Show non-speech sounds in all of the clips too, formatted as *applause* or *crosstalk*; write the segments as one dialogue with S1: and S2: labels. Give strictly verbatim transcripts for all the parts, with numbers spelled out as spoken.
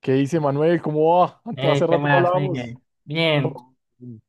S1: ¿Qué dice Manuel? ¿Cómo va? Ante-
S2: Eh,
S1: Hace
S2: ¿qué
S1: rato no
S2: más,
S1: hablábamos.
S2: Miguel? Bien,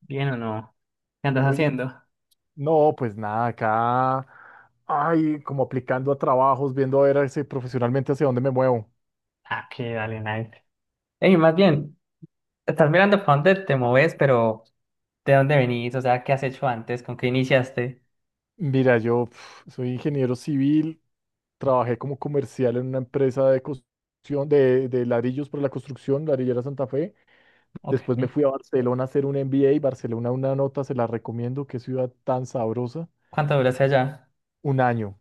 S2: bien o no. ¿Qué andas
S1: Oye,
S2: haciendo?
S1: no, pues nada, acá, ay, como aplicando a trabajos, viendo a ver hacia- profesionalmente hacia dónde me muevo.
S2: Ah, qué dale, nice. Ey, más bien, ¿estás mirando para dónde te mueves? Pero ¿de dónde venís? O sea, ¿qué has hecho antes? ¿Con qué iniciaste?
S1: Mira, yo pf, soy ingeniero civil, trabajé como comercial en una empresa de construcción, de, de ladrillos para la construcción, Ladrillera Santa Fe.
S2: Ok.
S1: Después me fui a Barcelona a hacer un M B A. Barcelona, una nota, se la recomiendo, qué ciudad tan sabrosa.
S2: ¿Cuánto duraste allá?
S1: Un año.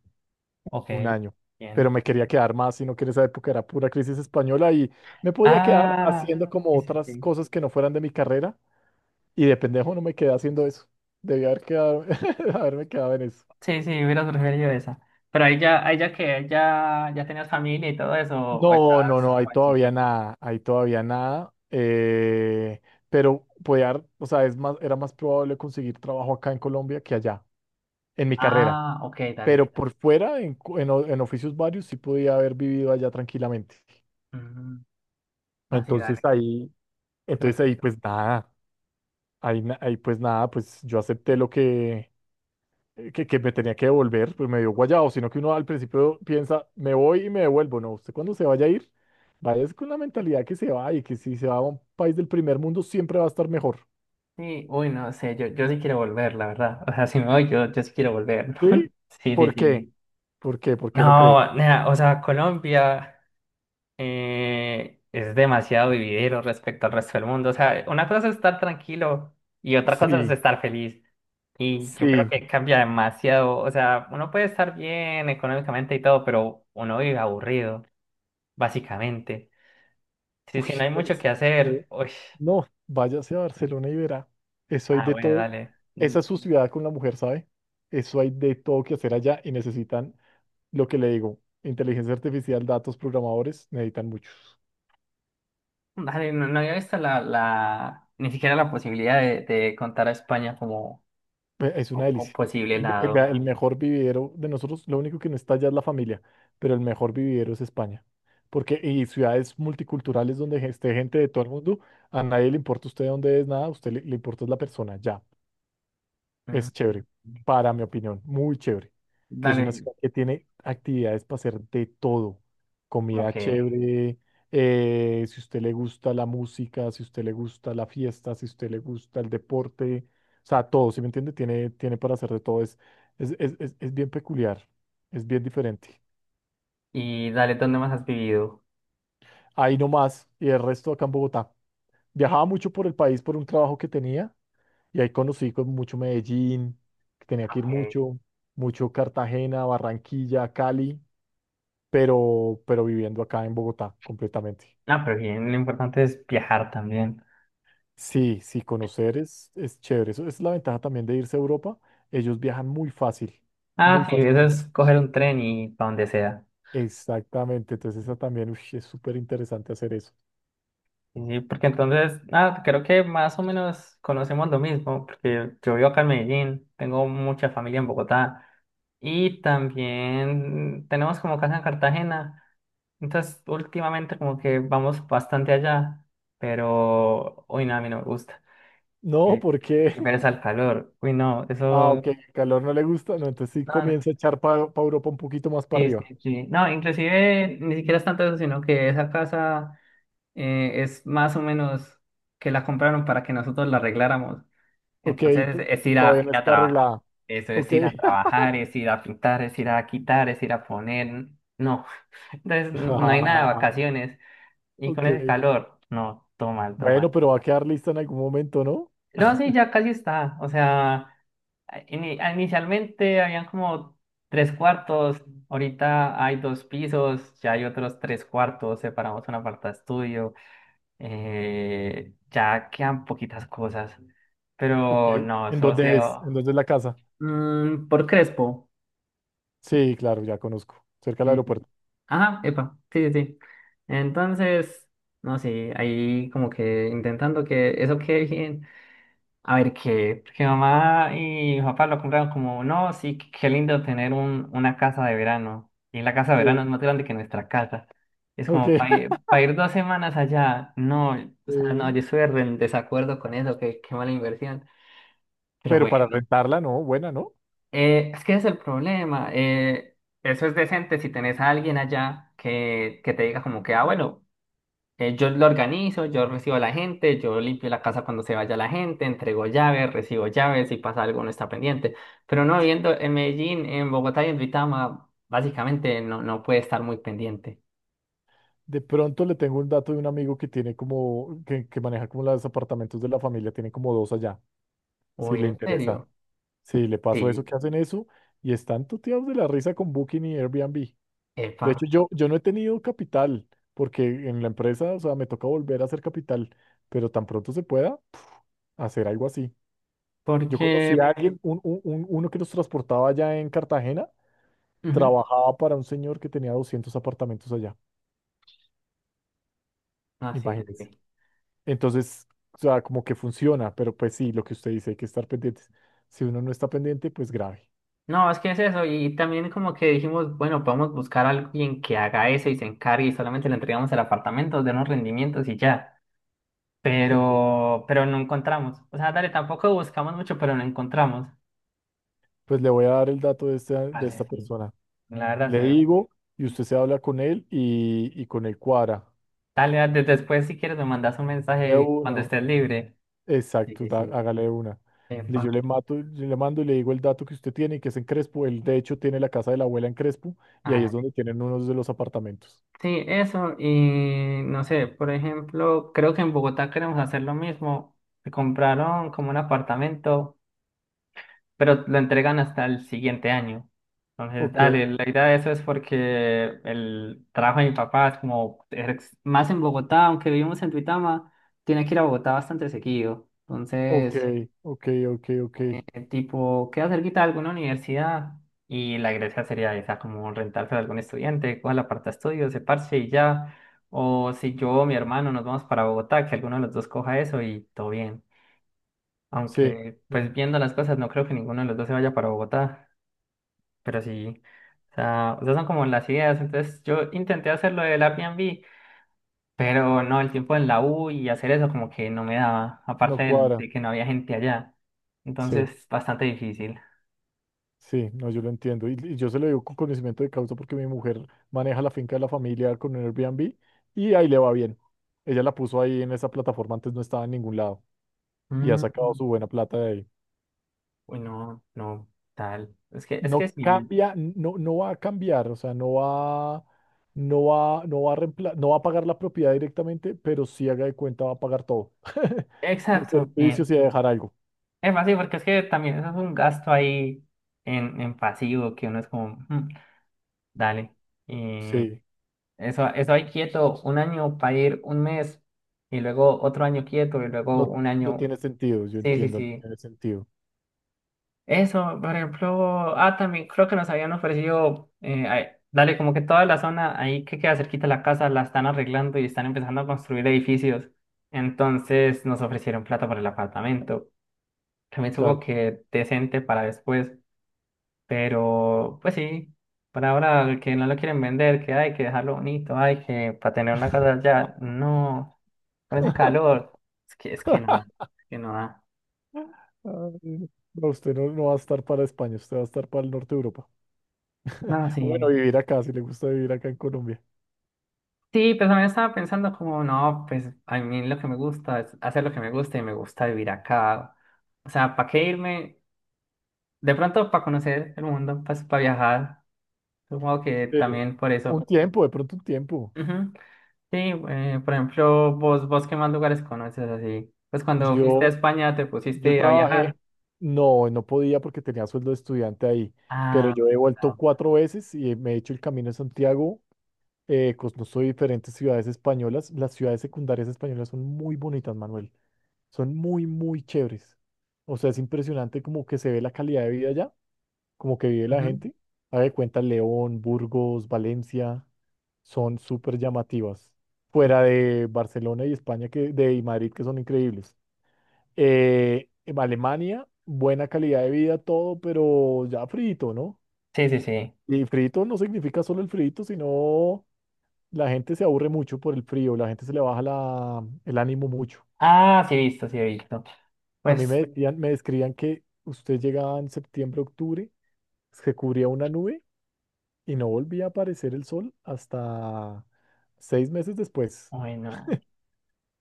S2: Ok,
S1: Un año. Pero
S2: bien.
S1: me quería quedar más, sino que en esa época era pura crisis española y me podía quedar
S2: Ah,
S1: haciendo como
S2: sí, sí,
S1: otras
S2: sí.
S1: cosas que no fueran de mi carrera. Y de pendejo no me quedé haciendo eso. Debí haber quedado, *laughs* haberme quedado en eso.
S2: Sí, sí, hubiera preferido esa. Pero ahí ya, ahí ya que ya, ya tenías familia y todo eso, o
S1: No,
S2: estabas
S1: no, no, hay todavía
S2: Juanchito.
S1: nada, hay todavía nada. Eh, pero podía, o sea, es más, era más probable conseguir trabajo acá en Colombia que allá, en mi carrera.
S2: Ah, ok, dale.
S1: Pero por fuera, en, cu- en o- en oficios varios, sí podía haber vivido allá tranquilamente.
S2: Mm, Así,
S1: Entonces
S2: dale.
S1: ahí, entonces ahí, pues nada. Ahí, na- ahí pues nada, pues yo acepté lo que, que, que me tenía que devolver, pues me dio guayado, sino que uno al principio piensa, me voy y me devuelvo, no, usted cuando se vaya a ir, vaya con la mentalidad que se va y que si se va a un país del primer mundo siempre va a estar mejor,
S2: Sí, uy, no sé, yo, yo sí quiero volver, la verdad. O sea, si me voy, yo, yo sí quiero volver. *laughs*
S1: ¿sí?
S2: Sí, sí,
S1: ¿Por qué?
S2: sí.
S1: ¿Por qué? ¿Por qué lo cree?
S2: No, nada, o sea, Colombia eh, es demasiado vividero respecto al resto del mundo. O sea, una cosa es estar tranquilo y otra cosa es
S1: Sí,
S2: estar feliz. Y yo creo
S1: sí,
S2: que cambia demasiado. O sea, uno puede estar bien económicamente y todo, pero uno vive aburrido, básicamente. Sí,
S1: uy,
S2: sí, no hay
S1: pero
S2: mucho
S1: es
S2: que
S1: que-
S2: hacer. Uy,
S1: no, váyase a Barcelona y verá, eso hay
S2: ah,
S1: de
S2: bueno,
S1: todo,
S2: dale.
S1: esa es su ciudad con la mujer, ¿sabe? Eso hay de todo que hacer allá y necesitan. Lo que le digo, inteligencia artificial, datos, programadores, necesitan muchos.
S2: Dale, no, no había visto la, la, ni siquiera la posibilidad de, de contar a España como,
S1: Ve- Es una
S2: co- como
S1: delicia.
S2: posible
S1: El, ve- el- vea,
S2: lado.
S1: el mejor vividero de nosotros, lo único que no está ya es la familia, pero el mejor vividero es España. Porque y ciudades multiculturales donde ge- esté gente de todo el mundo, a nadie le importa usted dónde es, nada, a usted le, le importa es la persona, ya.
S2: Mm,
S1: Es chévere, para mi opinión, muy chévere. Y es una
S2: Dale,
S1: ciudad que tiene actividades para hacer de todo.
S2: como
S1: Comida
S2: que,
S1: chévere, eh, si usted le gusta la música, si usted le gusta la fiesta, si usted le gusta el deporte, o sea, todo, ¿sí me entiende? Tiene, tiene para hacer de todo. Es, es, es, es, es bien peculiar, es bien diferente.
S2: y dale, ¿dónde más has vivido?
S1: Ahí nomás, y el resto acá en Bogotá. Viajaba mucho por el país por un trabajo que tenía. Y ahí conocí con mucho Medellín, que tenía
S2: Ah,
S1: que ir
S2: okay.
S1: mucho, mucho Cartagena, Barranquilla, Cali, pero, pero viviendo acá en Bogotá completamente.
S2: Ah, pero bien, lo importante es viajar también.
S1: Sí, sí, conocer es, es chévere. Eso es la ventaja también de irse a Europa. Ellos viajan muy fácil, muy
S2: Ah, sí,
S1: fácil.
S2: eso es coger un tren y para donde sea.
S1: Exactamente, entonces esa también ush, es súper interesante hacer eso.
S2: Sí, sí, porque entonces, ah, creo que más o menos conocemos lo mismo, porque yo vivo acá en Medellín, tengo mucha familia en Bogotá. Y también tenemos como casa en Cartagena. Entonces, últimamente como que vamos bastante allá, pero hoy nada, a mí no me gusta.
S1: No,
S2: Qué,
S1: porque,
S2: qué pereza
S1: *laughs*
S2: el calor. Uy, no,
S1: ah, ok,
S2: eso.
S1: el calor no le gusta, no, entonces sí
S2: No, no.
S1: comienza a echar para Europa un poquito más para
S2: Sí, sí,
S1: arriba.
S2: sí. No, inclusive ni siquiera es tanto eso, sino que esa casa eh, es más o menos que la compraron para que nosotros la arregláramos.
S1: Ok,
S2: Entonces
S1: tú-
S2: es ir a,
S1: todavía no
S2: ir a
S1: está
S2: trabajar.
S1: arreglada.
S2: Eso es
S1: Ok.
S2: ir a trabajar, es ir a pintar, es ir a quitar, es ir a poner. No. *laughs* Entonces no hay nada de
S1: *laughs* *laughs*
S2: vacaciones. Y con
S1: Ok.
S2: ese calor, no, todo mal, todo mal.
S1: Bueno, pero va a quedar lista en algún momento, ¿no?
S2: No, sí, ya casi está. O sea, ini- inicialmente habían como tres cuartos. Ahorita hay dos pisos, ya hay otros tres cuartos. Separamos una parte de estudio. Eh, ya quedan poquitas cosas.
S1: Ok.
S2: Pero
S1: ¿En
S2: no,
S1: ah, dónde claro. Es?
S2: socio.
S1: ¿En dónde es la casa?
S2: Mm, por Crespo.
S1: Sí, claro, ya conozco. Cerca del
S2: Eh,
S1: aeropuerto.
S2: ajá, epa, sí, sí, sí. Entonces, no sé, ahí como que intentando que eso quede bien. A ver qué, porque mamá y mi papá lo compraron como, no, sí, qué qué lindo tener un, una casa de verano. Y la casa de
S1: Sí.
S2: verano es más grande que nuestra casa. Es
S1: Ok.
S2: como para ir,
S1: *laughs*
S2: pa ir dos semanas allá. No, o sea, no,
S1: Eh,
S2: yo estoy re en desacuerdo con eso, que qué mala inversión. Pero
S1: pero para
S2: bueno.
S1: rentarla, no, buena, ¿no?
S2: Eh, es que ese es el problema. Eh, eso es decente si tenés a alguien allá que, que te diga como que, ah, bueno, eh, yo lo organizo, yo recibo a la gente, yo limpio la casa cuando se vaya la gente, entrego llaves, recibo llaves, si pasa algo no está pendiente. Pero no, viendo en Medellín, en Bogotá y en Duitama, básicamente no, no puede estar muy pendiente.
S1: De pronto le tengo un dato de un amigo que tiene como, que, que maneja como los apartamentos de la familia, tiene como dos allá, si
S2: Uy,
S1: le
S2: ¿en
S1: interesa.
S2: serio?
S1: Sí, le paso eso,
S2: Sí,
S1: que hacen eso y están tuteados de la risa con Booking y Airbnb.
S2: epa,
S1: De hecho, yo, yo no he tenido capital, porque en la empresa, o sea, me toca volver a hacer capital, pero tan pronto se pueda hacer algo así. Yo conocí
S2: porque
S1: a alguien, un- un- un- uno que nos transportaba allá en Cartagena,
S2: ujú,
S1: trabajaba para un señor que tenía doscientos apartamentos allá,
S2: ah, sí,
S1: imagínense.
S2: dale.
S1: Entonces, o sea, como que funciona, pero pues sí, lo que usted dice, hay que estar pendientes. Si uno no está pendiente, pues grave.
S2: No, es que es eso. Y también como que dijimos, bueno, podemos buscar a alguien que haga eso y se encargue y solamente le entregamos el apartamento, denos rendimientos y ya.
S1: Ok,
S2: Pero, pero no encontramos. O sea, dale, tampoco buscamos mucho, pero no encontramos.
S1: pues le voy a dar el dato de esta, de
S2: Parce,
S1: esta
S2: sí.
S1: persona.
S2: La verdad, sí.
S1: Le digo y usted se habla con él y, y con él cuadra.
S2: Dale, dale, después si quieres me mandas un
S1: De
S2: mensaje cuando
S1: uno.
S2: estés libre. Sí,
S1: Exacto,
S2: sí,
S1: da-
S2: sí.
S1: hágale una. Le- Yo
S2: Epa.
S1: le mato, yo le mando y le digo el dato que usted tiene, que es en Crespo. Él, de hecho, tiene la casa de la abuela en Crespo y
S2: Ah,
S1: ahí es
S2: dale,
S1: donde tienen unos de los apartamentos.
S2: sí, eso. Y no sé, por ejemplo, creo que en Bogotá queremos hacer lo mismo. Se compraron como un apartamento, pero lo entregan hasta el siguiente año. Entonces,
S1: Ok,
S2: dale, la idea de eso es porque el trabajo de mi papá es como es más en Bogotá, aunque vivimos en Duitama, tiene que ir a Bogotá bastante seguido.
S1: ok,
S2: Entonces,
S1: ok, ok, ok.
S2: el tipo queda cerquita de alguna universidad y la iglesia sería esa, como rentarse a algún estudiante, coja la parte de estudios, se parche y ya. O si yo o mi hermano nos vamos para Bogotá, que alguno de los dos coja eso y todo bien.
S1: Sí,
S2: Aunque,
S1: sí,
S2: pues viendo las cosas, no creo que ninguno de los dos se vaya para Bogotá. Pero sí, o sea, esas son como las ideas. Entonces yo intenté hacer lo del Airbnb, pero no, el tiempo en la U y hacer eso como que no me daba,
S1: no
S2: aparte del-
S1: cuadra.
S2: de que no había gente allá.
S1: Sí,
S2: Entonces, bastante difícil.
S1: sí, no, yo lo entiendo. Y, y yo se lo digo con conocimiento de causa porque mi mujer maneja la finca de la familia con un Airbnb y ahí le va bien. Ella la puso ahí en esa plataforma, antes no estaba en ningún lado y ha sacado
S2: Mm,
S1: su buena plata de ahí.
S2: uy, no, no, tal. Es que, es
S1: No
S2: que sí,
S1: cambia, no, no va a cambiar, o sea, no va, no va, no va a reempla- no va a pagar la propiedad directamente, pero sí haga de cuenta va a pagar todo, *laughs* los
S2: exacto, bien.
S1: servicios y a dejar algo.
S2: Es más, sí, porque es que también eso es un gasto ahí en, en pasivo que uno es como, "Mm, dale".
S1: Sí,
S2: Eso, eso ahí quieto un año para ir un mes y luego otro año quieto y luego
S1: no,
S2: un
S1: no
S2: año.
S1: tiene sentido, yo
S2: Sí, sí,
S1: entiendo, no
S2: sí.
S1: tiene sentido,
S2: Eso, por ejemplo, ah, también creo que nos habían ofrecido, eh, ay, dale, como que toda la zona ahí que queda cerquita de la casa la están arreglando y están empezando a construir edificios. Entonces nos ofrecieron plata para el apartamento. También supongo
S1: claro.
S2: que decente para después. Pero, pues sí, por ahora el que no lo quieren vender, que hay que dejarlo bonito, hay que para tener una casa allá, no, con ese
S1: *laughs*
S2: calor, es que, es que no da, es que no da.
S1: Ay, no, usted no, no va a estar para España, usted va a estar para el norte de Europa.
S2: No,
S1: O bueno,
S2: sí.
S1: vivir acá, si le gusta vivir acá en Colombia.
S2: Sí, pues también estaba pensando como, no, pues a mí lo que me gusta es hacer lo que me gusta y me gusta vivir acá. O sea, ¿para qué irme? De pronto para conocer el mundo, pues para viajar. Supongo que
S1: Sí.
S2: también por
S1: Un
S2: eso.
S1: tiempo, de pronto un tiempo.
S2: Ujú. Sí, eh, por ejemplo, vos, vos qué más lugares conoces así. Pues cuando fuiste a
S1: Yo,
S2: España te
S1: Yo
S2: pusiste a viajar.
S1: trabajé, no, no podía porque tenía sueldo de estudiante ahí, pero
S2: Ah,
S1: yo he vuelto
S2: ah.
S1: cuatro veces y me he hecho el Camino de Santiago, eh, conozco diferentes ciudades españolas. Las ciudades secundarias españolas son muy bonitas, Manuel, son muy, muy chéveres. O sea, es impresionante como que se ve la calidad de vida allá, como que vive la
S2: Ujú.
S1: gente. Haga de cuenta León, Burgos, Valencia, son súper llamativas. Fuera de Barcelona y España que, de y Madrid, que son increíbles. Eh, en Alemania, buena calidad de vida, todo, pero ya frito, ¿no?
S2: Sí, sí, sí.
S1: Y frito no significa solo el frito, sino la gente se aburre mucho por el frío, la gente se le baja la, el ánimo mucho.
S2: Ah, sí he visto, sí he visto.
S1: A mí
S2: Pues,
S1: me decían, me describían que usted llegaba en septiembre, octubre, se cubría una nube y no volvía a aparecer el sol hasta seis meses después.
S2: bueno,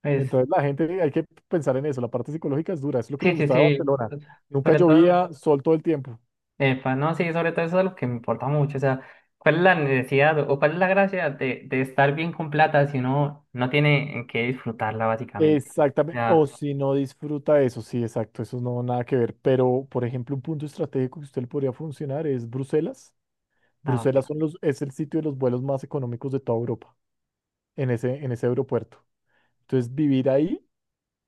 S2: pues,
S1: Entonces la gente, hay que pensar en eso, la parte psicológica es dura, es lo que me
S2: sí, sí,
S1: gustaba de
S2: sí.
S1: Barcelona. Nunca
S2: Sobre todo,
S1: llovía, sol todo el tiempo.
S2: epa, no, sí, sobre todo eso es lo que me importa mucho. O sea, ¿cuál es la necesidad o cuál es la gracia de, de estar bien con plata si uno no tiene en qué disfrutarla, básicamente? O
S1: Exactamente, o
S2: sea,
S1: si no disfruta eso, sí, exacto, eso no nada que ver, pero por ejemplo, un punto estratégico que usted le podría funcionar es Bruselas.
S2: ah, ok.
S1: Bruselas son los, es el sitio de los vuelos más económicos de toda Europa, en ese, en ese aeropuerto. Entonces, vivir ahí,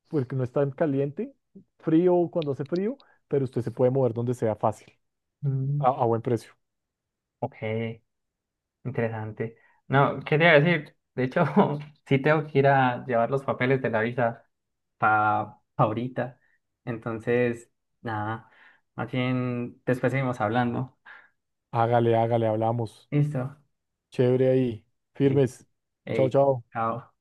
S1: porque no es tan caliente, frío cuando hace frío, pero usted se puede mover donde sea fácil,
S2: Mm,
S1: a, a buen precio.
S2: ok. Interesante. No, quería decir, de hecho, *laughs* sí tengo que ir a llevar los papeles de la visa para ahorita. Entonces, nada, más bien después seguimos hablando.
S1: Hágale, hágale, hablamos.
S2: Listo.
S1: Chévere ahí,
S2: Sí.
S1: firmes. Chao,
S2: Ey,
S1: chao.
S2: chao.